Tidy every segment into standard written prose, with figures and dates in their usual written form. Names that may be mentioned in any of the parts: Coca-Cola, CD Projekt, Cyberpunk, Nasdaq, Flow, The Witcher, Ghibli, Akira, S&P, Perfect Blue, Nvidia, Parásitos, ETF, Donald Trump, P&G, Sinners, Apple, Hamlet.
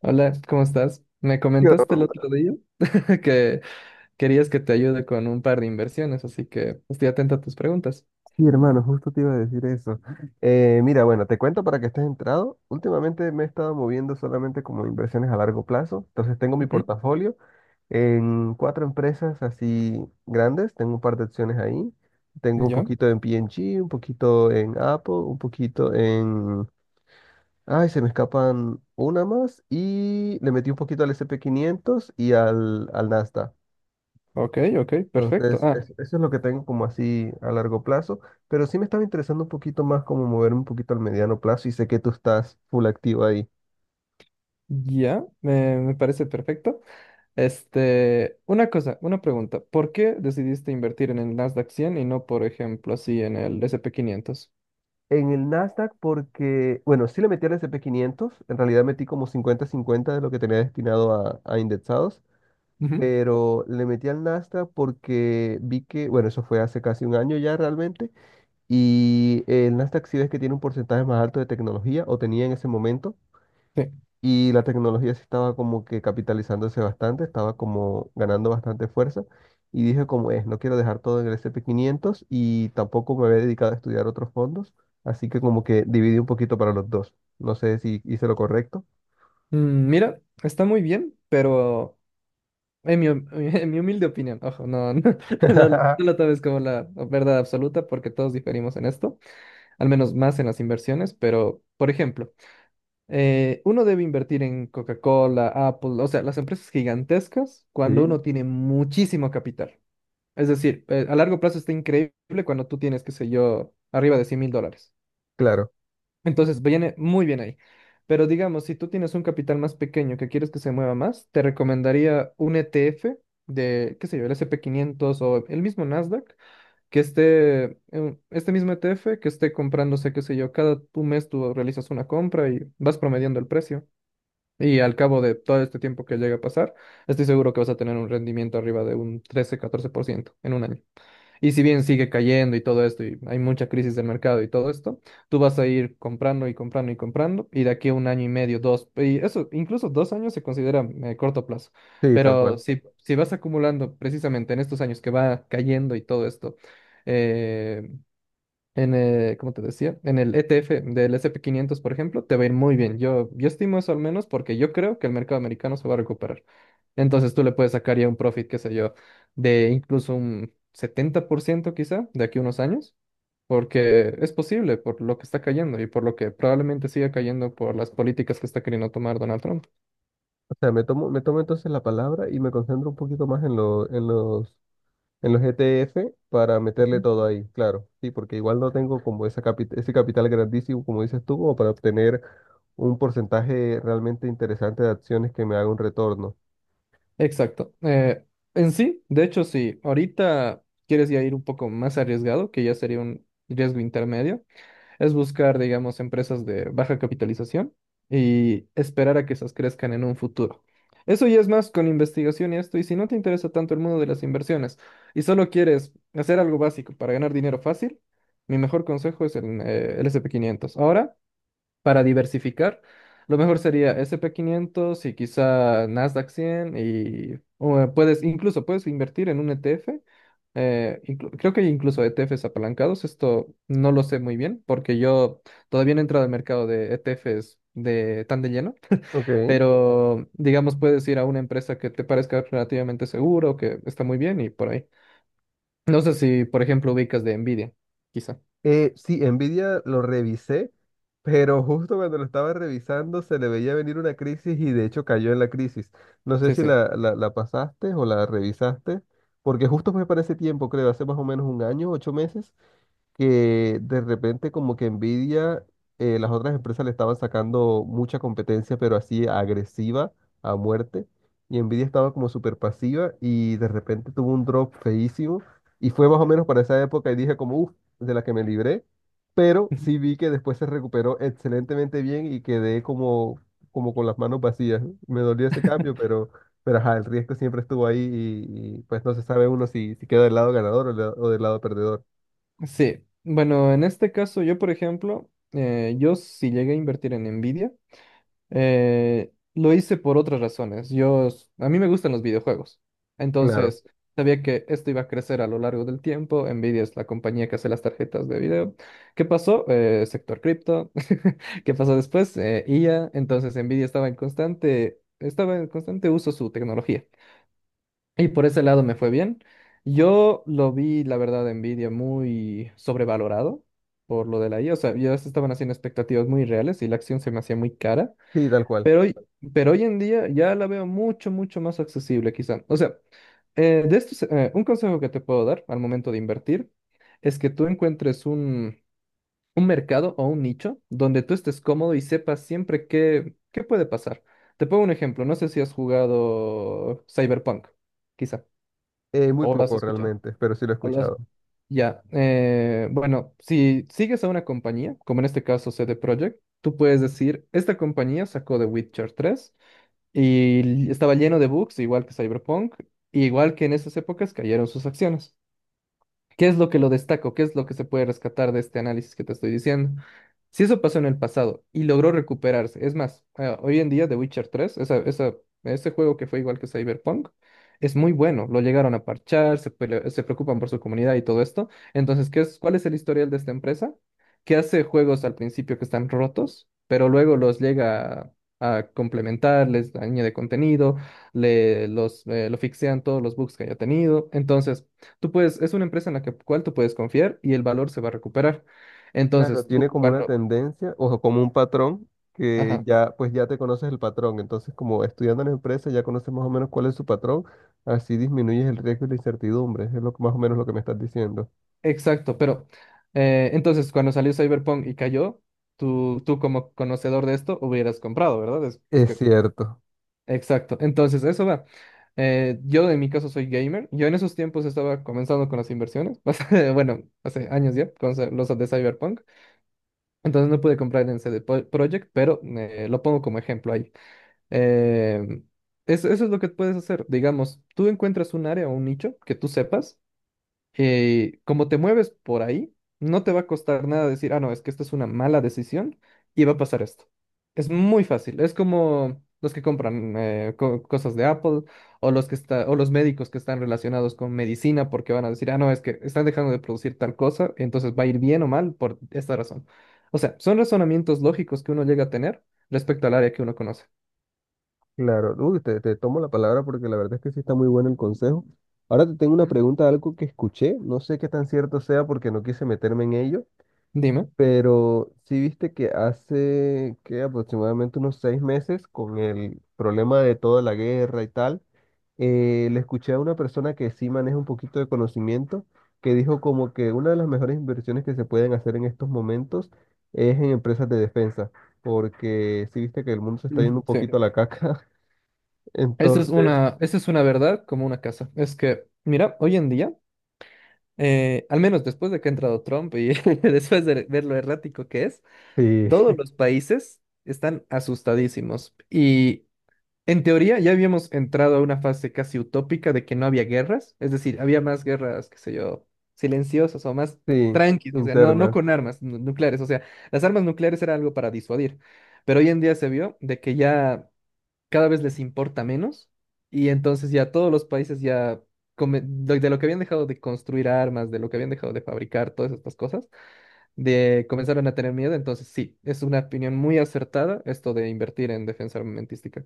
Hola, ¿cómo estás? Me Yo, comentaste el hola, otro día que querías que te ayude con un par de inversiones, así que estoy atenta a tus preguntas. Sí, hermano, justo te iba a decir eso. Mira, bueno, te cuento para que estés entrado. Últimamente me he estado moviendo solamente como inversiones a largo plazo. Entonces tengo mi Ujú. portafolio en cuatro empresas así grandes. Tengo un par de acciones ahí. Tengo un Ya, poquito en P&G, un poquito en Apple, un poquito en... Ay, se me escapan una más. Y le metí un poquito al S&P quinientos y al Nasdaq. ok, ok, perfecto. Entonces, Ah, eso es lo que tengo como así a largo plazo, pero sí me estaba interesando un poquito más como moverme un poquito al mediano plazo y sé que tú estás full activo ahí. ya, me parece perfecto. Este, una cosa, una pregunta. ¿Por qué decidiste invertir en el Nasdaq 100 y no, por ejemplo, así en el S&P 500? En el Nasdaq porque, bueno, sí le metí al S&P 500, en realidad metí como 50-50 de lo que tenía destinado a indexados, Ujú. pero le metí al Nasdaq porque vi que, bueno, eso fue hace casi un año ya realmente, y el Nasdaq sí ves que tiene un porcentaje más alto de tecnología, o tenía en ese momento. Sí. Y la tecnología sí estaba como que capitalizándose bastante, estaba como ganando bastante fuerza. Y dije como es, no quiero dejar todo en el S and P quinientos y tampoco me había dedicado a estudiar otros fondos. Así que como que dividí un poquito para los dos. No sé si hice lo correcto. Mira, está muy bien, pero en mi humilde opinión, ojo, no, no, no, lo no lo tomes como la verdad absoluta porque todos diferimos en esto, al menos más en las inversiones, pero, por ejemplo, uno debe invertir en Coca-Cola, Apple, o sea, las empresas gigantescas cuando Sí, uno tiene muchísimo capital. Es decir, a largo plazo está increíble cuando tú tienes, qué sé yo, arriba de $100,000. claro, Entonces, viene muy bien ahí. Pero digamos, si tú tienes un capital más pequeño que quieres que se mueva más, te recomendaría un ETF de, qué sé yo, el S&P 500 o el mismo Nasdaq, que esté, este mismo ETF que esté comprándose, qué sé yo, cada tu mes tú realizas una compra y vas promediando el precio. Y al cabo de todo este tiempo que llega a pasar, estoy seguro que vas a tener un rendimiento arriba de un trece 14% en un año. Y si bien sigue cayendo y todo esto, y hay mucha crisis del mercado y todo esto, tú vas a ir comprando y comprando y comprando, y de aquí a un año y medio, dos, y eso, incluso 2 años se considera corto plazo. sí, tal Pero cual. si, si vas acumulando precisamente en estos años que va cayendo y todo esto, eh, en el, como te decía, en el ETF del S&P 500, por ejemplo, te va a ir muy bien. Yo estimo eso al menos porque yo creo que el mercado americano se va a recuperar. Entonces tú le puedes sacar ya un profit, qué sé yo, de incluso un 70% quizá de aquí a unos años, porque es posible por lo que está cayendo y por lo que probablemente siga cayendo por las políticas que está queriendo tomar Donald Trump. O sea, me tomo entonces la palabra y me concentro un poquito más en los ETF para meterle Ujú. todo ahí, claro. Sí, porque igual no tengo como esa ese capital grandísimo, como dices tú, como para obtener un porcentaje realmente interesante de acciones que me haga un retorno. Exacto. En sí, de hecho, si ahorita quieres ya ir un poco más arriesgado, que ya sería un riesgo intermedio, es buscar, digamos, empresas de baja capitalización y esperar a que esas crezcan en un futuro. Eso ya es más con investigación y esto, y si no te interesa tanto el mundo de las inversiones y solo quieres hacer algo básico para ganar dinero fácil, mi mejor consejo es el S&P 500. Ahora, para diversificar, lo mejor sería S&P 500 y quizá Nasdaq 100 y o, puedes, incluso puedes invertir en un ETF. Creo que hay incluso ETFs apalancados. Esto no lo sé muy bien porque yo todavía no he entrado al mercado de ETFs de, tan de lleno, Ok. pero digamos puedes ir a una empresa que te parezca relativamente seguro, que está muy bien y por ahí. No sé si, por ejemplo, ubicas de Nvidia, quizá. Sí, Nvidia lo revisé, pero justo cuando lo estaba revisando se le veía venir una crisis y de hecho cayó en la crisis. No sé Sí, si sí. la pasaste o la revisaste, porque justo fue para ese tiempo, creo, hace más o menos un año, 8 meses, que de repente como que Nvidia, las otras empresas le estaban sacando mucha competencia, pero así agresiva a muerte, y Nvidia estaba como súper pasiva y de repente tuvo un drop feísimo, y fue más o menos para esa época y dije como, uff, de la que me libré, pero sí vi que después se recuperó excelentemente bien y quedé como, como con las manos vacías. Me dolió ese cambio, pero... Pero ajá, el riesgo siempre estuvo ahí y pues no se sabe uno si, si queda del lado ganador o del lado perdedor. Sí, bueno, en este caso yo, por ejemplo, yo sí llegué a invertir en Nvidia, lo hice por otras razones. Yo, a mí me gustan los videojuegos, Claro. entonces sabía que esto iba a crecer a lo largo del tiempo. Nvidia es la compañía que hace las tarjetas de video. ¿Qué pasó? Sector cripto. ¿Qué pasó después? IA. Entonces Nvidia estaba en constante uso su tecnología. Y por ese lado me fue bien. Yo lo vi, la verdad, en Nvidia muy sobrevalorado por lo de la IA. O sea, ya se estaban haciendo expectativas muy reales y la acción se me hacía muy cara. Sí, tal cual. Pero hoy, pero hoy en día ya la veo mucho, mucho más accesible, quizá. O sea, de estos, un consejo que te puedo dar al momento de invertir es que tú encuentres un mercado o un nicho donde tú estés cómodo y sepas siempre qué puede pasar. Te pongo un ejemplo. No sé si has jugado Cyberpunk, quizá Muy o lo has poco escuchado. realmente, pero sí lo he o lo has- escuchado. Ya, bueno, si sigues a una compañía, como en este caso CD Projekt, tú puedes decir, esta compañía sacó The Witcher tres estaba lleno de bugs, igual que Cyberpunk, igual que en esas épocas cayeron sus acciones. ¿Qué es lo que lo destaco? ¿Qué es lo que se puede rescatar de este análisis que te estoy diciendo? Si eso pasó en el pasado y logró recuperarse, es más, hoy en día The Witcher 3, ese juego que fue igual que Cyberpunk, es muy bueno, lo llegaron a parchar, se preocupan por su comunidad y todo esto. Entonces, ¿qué es, cuál es el historial de esta empresa? Que hace juegos al principio que están rotos, pero luego los llega a complementar, les añade contenido, lo fixean todos los bugs que haya tenido. Entonces, tú puedes, es una empresa en la cual tú puedes confiar y el valor se va a recuperar. Claro, Entonces, tiene tú como una cuando, tendencia, o como un patrón, que ajá, ya, pues ya te conoces el patrón. Entonces, como estudiando en la empresa, ya conoces más o menos cuál es su patrón, así disminuyes el riesgo y la incertidumbre. Es lo, más o menos lo que me estás diciendo. exacto, pero entonces cuando salió Cyberpunk y cayó, tú como conocedor de esto hubieras comprado, ¿verdad? Es Es que, cierto. exacto, entonces eso va. Yo en mi caso soy gamer, yo en esos tiempos estaba comenzando con las inversiones, bueno, hace años ya, con los de Cyberpunk, entonces no pude comprar en c CD Projekt, pero lo pongo como ejemplo ahí. Eh, eso, eso es lo que puedes hacer. Digamos, tú encuentras un área o un nicho que tú sepas, como te mueves por ahí, no te va a costar nada decir, ah, no, es que esta es una mala decisión y va a pasar esto. Es muy fácil. Es como los que compran cosas de Apple o los médicos que están relacionados con medicina porque van a decir, ah, no, es que están dejando de producir tal cosa, entonces va a ir bien o mal por esta razón. O sea, son razonamientos lógicos que uno llega a tener respecto al área que uno conoce. Claro. Uy, te tomo la palabra porque la verdad es que sí está muy bueno el consejo. Ahora te tengo una pregunta, algo que escuché, no sé qué tan cierto sea porque no quise meterme en ello. Dime. Pero sí viste que hace que aproximadamente unos 6 meses, con el problema de toda la guerra y tal, le escuché a una persona que sí maneja un poquito de conocimiento, que dijo como que una de las mejores inversiones que se pueden hacer en estos momentos es en empresas de defensa, porque sí viste que el mundo se está yendo Mm, un sí. poquito a la caca. Entonces Esa es una verdad como una casa. Es que, mira, hoy en día, al menos después de que ha entrado Trump y después de ver lo errático que es, sí, todos los países están asustadísimos. Y en teoría ya habíamos entrado a una fase casi utópica de que no había guerras. Es decir, había más guerras, qué sé yo, silenciosas o más sí, tranquilas. O sea, no, no internas. con armas nucleares. O sea, las armas nucleares era algo para disuadir. Pero hoy en día se vio de que ya, cada vez les importa menos y entonces ya todos los países ya, de lo que habían dejado de construir armas, de lo que habían dejado de fabricar, todas estas cosas, de comenzaron a tener miedo. Entonces, sí, es una opinión muy acertada esto de invertir en defensa armamentística.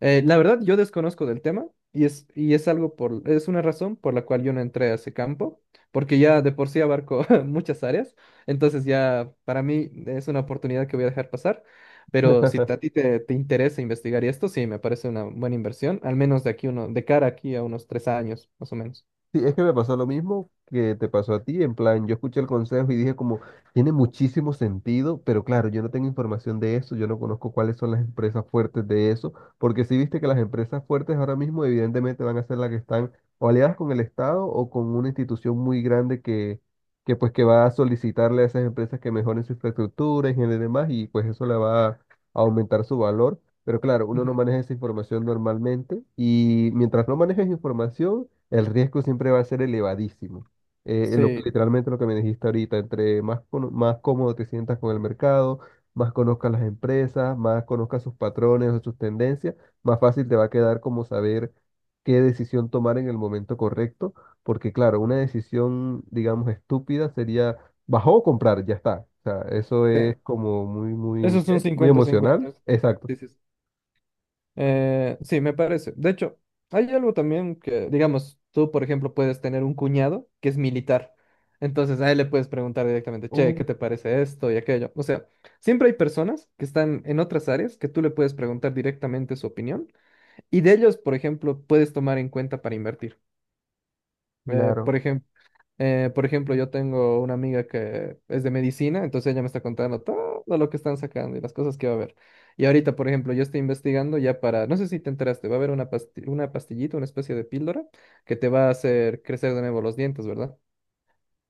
La verdad, yo desconozco del tema y es algo por, es una razón por la cual yo no entré a ese campo, porque ya de por sí abarco muchas áreas, entonces ya para mí es una oportunidad que voy a dejar pasar, pero si a ti te, te interesa investigar y esto, sí, me parece una buena inversión, al menos de aquí uno, de cara aquí a unos 3 años, más o menos. Sí, es que me pasó lo mismo que te pasó a ti, en plan, yo escuché el consejo y dije como, tiene muchísimo sentido, pero claro, yo no tengo información de eso, yo no conozco cuáles son las empresas fuertes de eso, porque si viste que las empresas fuertes ahora mismo evidentemente van a ser las que están o aliadas con el Estado o con una institución muy grande que pues que va a solicitarle a esas empresas que mejoren su infraestructura, ingeniería y demás, y pues eso le va a aumentar su valor. Pero claro, uno no Ujú. maneja esa información normalmente y mientras no manejes información, el riesgo siempre va a ser elevadísimo. Lo, Sí, literalmente lo que me dijiste ahorita, entre más, más cómodo te sientas con el mercado, más conozcas las empresas, más conozcas sus patrones o sus tendencias, más fácil te va a quedar como saber qué decisión tomar en el momento correcto, porque claro, una decisión, digamos, estúpida sería bajó o comprar, ya está. O sea, eso sí. es como muy, Eso muy, es un ¿qué? Muy cincuenta emocional. 50. Exacto. Sí, sí, sí. Sí, me parece. De hecho, hay algo también que, digamos, tú, por ejemplo, puedes tener un cuñado que es militar. Entonces a él le puedes preguntar directamente, che, Oh, ¿qué te parece esto y aquello? O sea, siempre hay personas que están en otras áreas que tú le puedes preguntar directamente su opinión y de ellos, por ejemplo, puedes tomar en cuenta para invertir. Eh, por claro. ejemplo, por ejemplo, yo tengo una amiga que es de medicina, entonces ella me está contando todo lo que están sacando y las cosas que va a haber. Y ahorita, por ejemplo, yo estoy investigando ya para, no sé si te enteraste, va a haber una pastillita, una especie de píldora que te va a hacer crecer de nuevo los dientes, ¿verdad?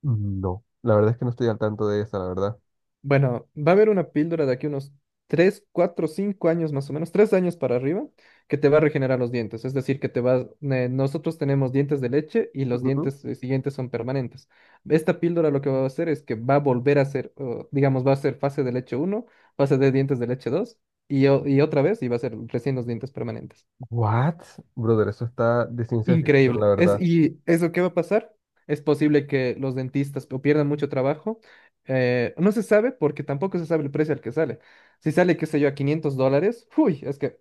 No. La verdad es que no estoy al tanto de esa, la verdad. Bueno, va a haber una píldora de aquí unos 3, 4, 5 años más o menos, 3 años para arriba, que te va a regenerar los dientes. Es decir, que te vas, nosotros tenemos dientes de leche y los Ujú. dientes siguientes son permanentes. Esta píldora lo que va a hacer es que va a volver a ser, o, digamos, va a ser fase de leche uno, fase de dientes de leche 2 y, y otra vez y va a ser recién los dientes permanentes. What? Brother, eso está de ciencia ficción, la Increíble. Es, verdad. ¿y eso qué va a pasar? Es posible que los dentistas o pierdan mucho trabajo. No se sabe porque tampoco se sabe el precio al que sale. Si sale, qué sé yo, a $500, uy, es que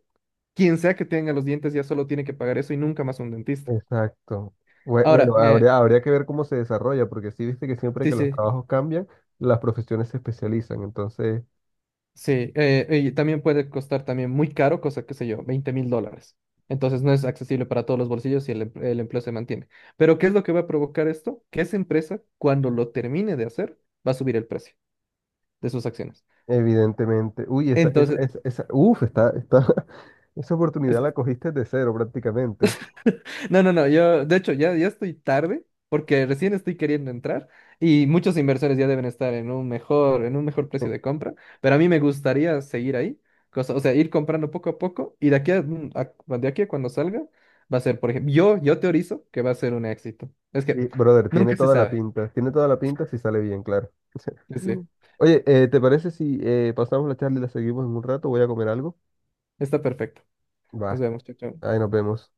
quien sea que tenga los dientes ya solo tiene que pagar eso y nunca más un dentista. Exacto. Ahora, Bueno, habría, habría que ver cómo se desarrolla, porque sí viste que siempre sí, que los sí, trabajos cambian, las profesiones se especializan. Entonces, sí, y también puede costar también muy caro, cosa, qué sé yo, $20,000. Entonces no es accesible para todos los bolsillos y el empleo se mantiene. Pero ¿qué es lo que va a provocar esto? Que esa empresa, cuando lo termine de hacer, va a subir el precio de sus acciones. evidentemente, uy, Entonces, uf, esa es oportunidad la que- cogiste de cero prácticamente. no, no, no, yo de hecho ya, ya estoy tarde porque recién estoy queriendo entrar y muchos inversores ya deben estar en un mejor precio de compra, pero a mí me gustaría seguir ahí, o sea, ir comprando poco a poco y de aquí a, de aquí a cuando salga va a ser, por ejemplo, yo teorizo que va a ser un éxito. Es Y, que brother, tiene nunca se toda la sabe. pinta, tiene toda la pinta si sale bien, claro. Sí, sí, Oye, ¿te parece si pasamos la charla y la seguimos en un rato? Voy a comer algo. está perfecto. Nos Va, vemos, chao, chao. ahí nos vemos.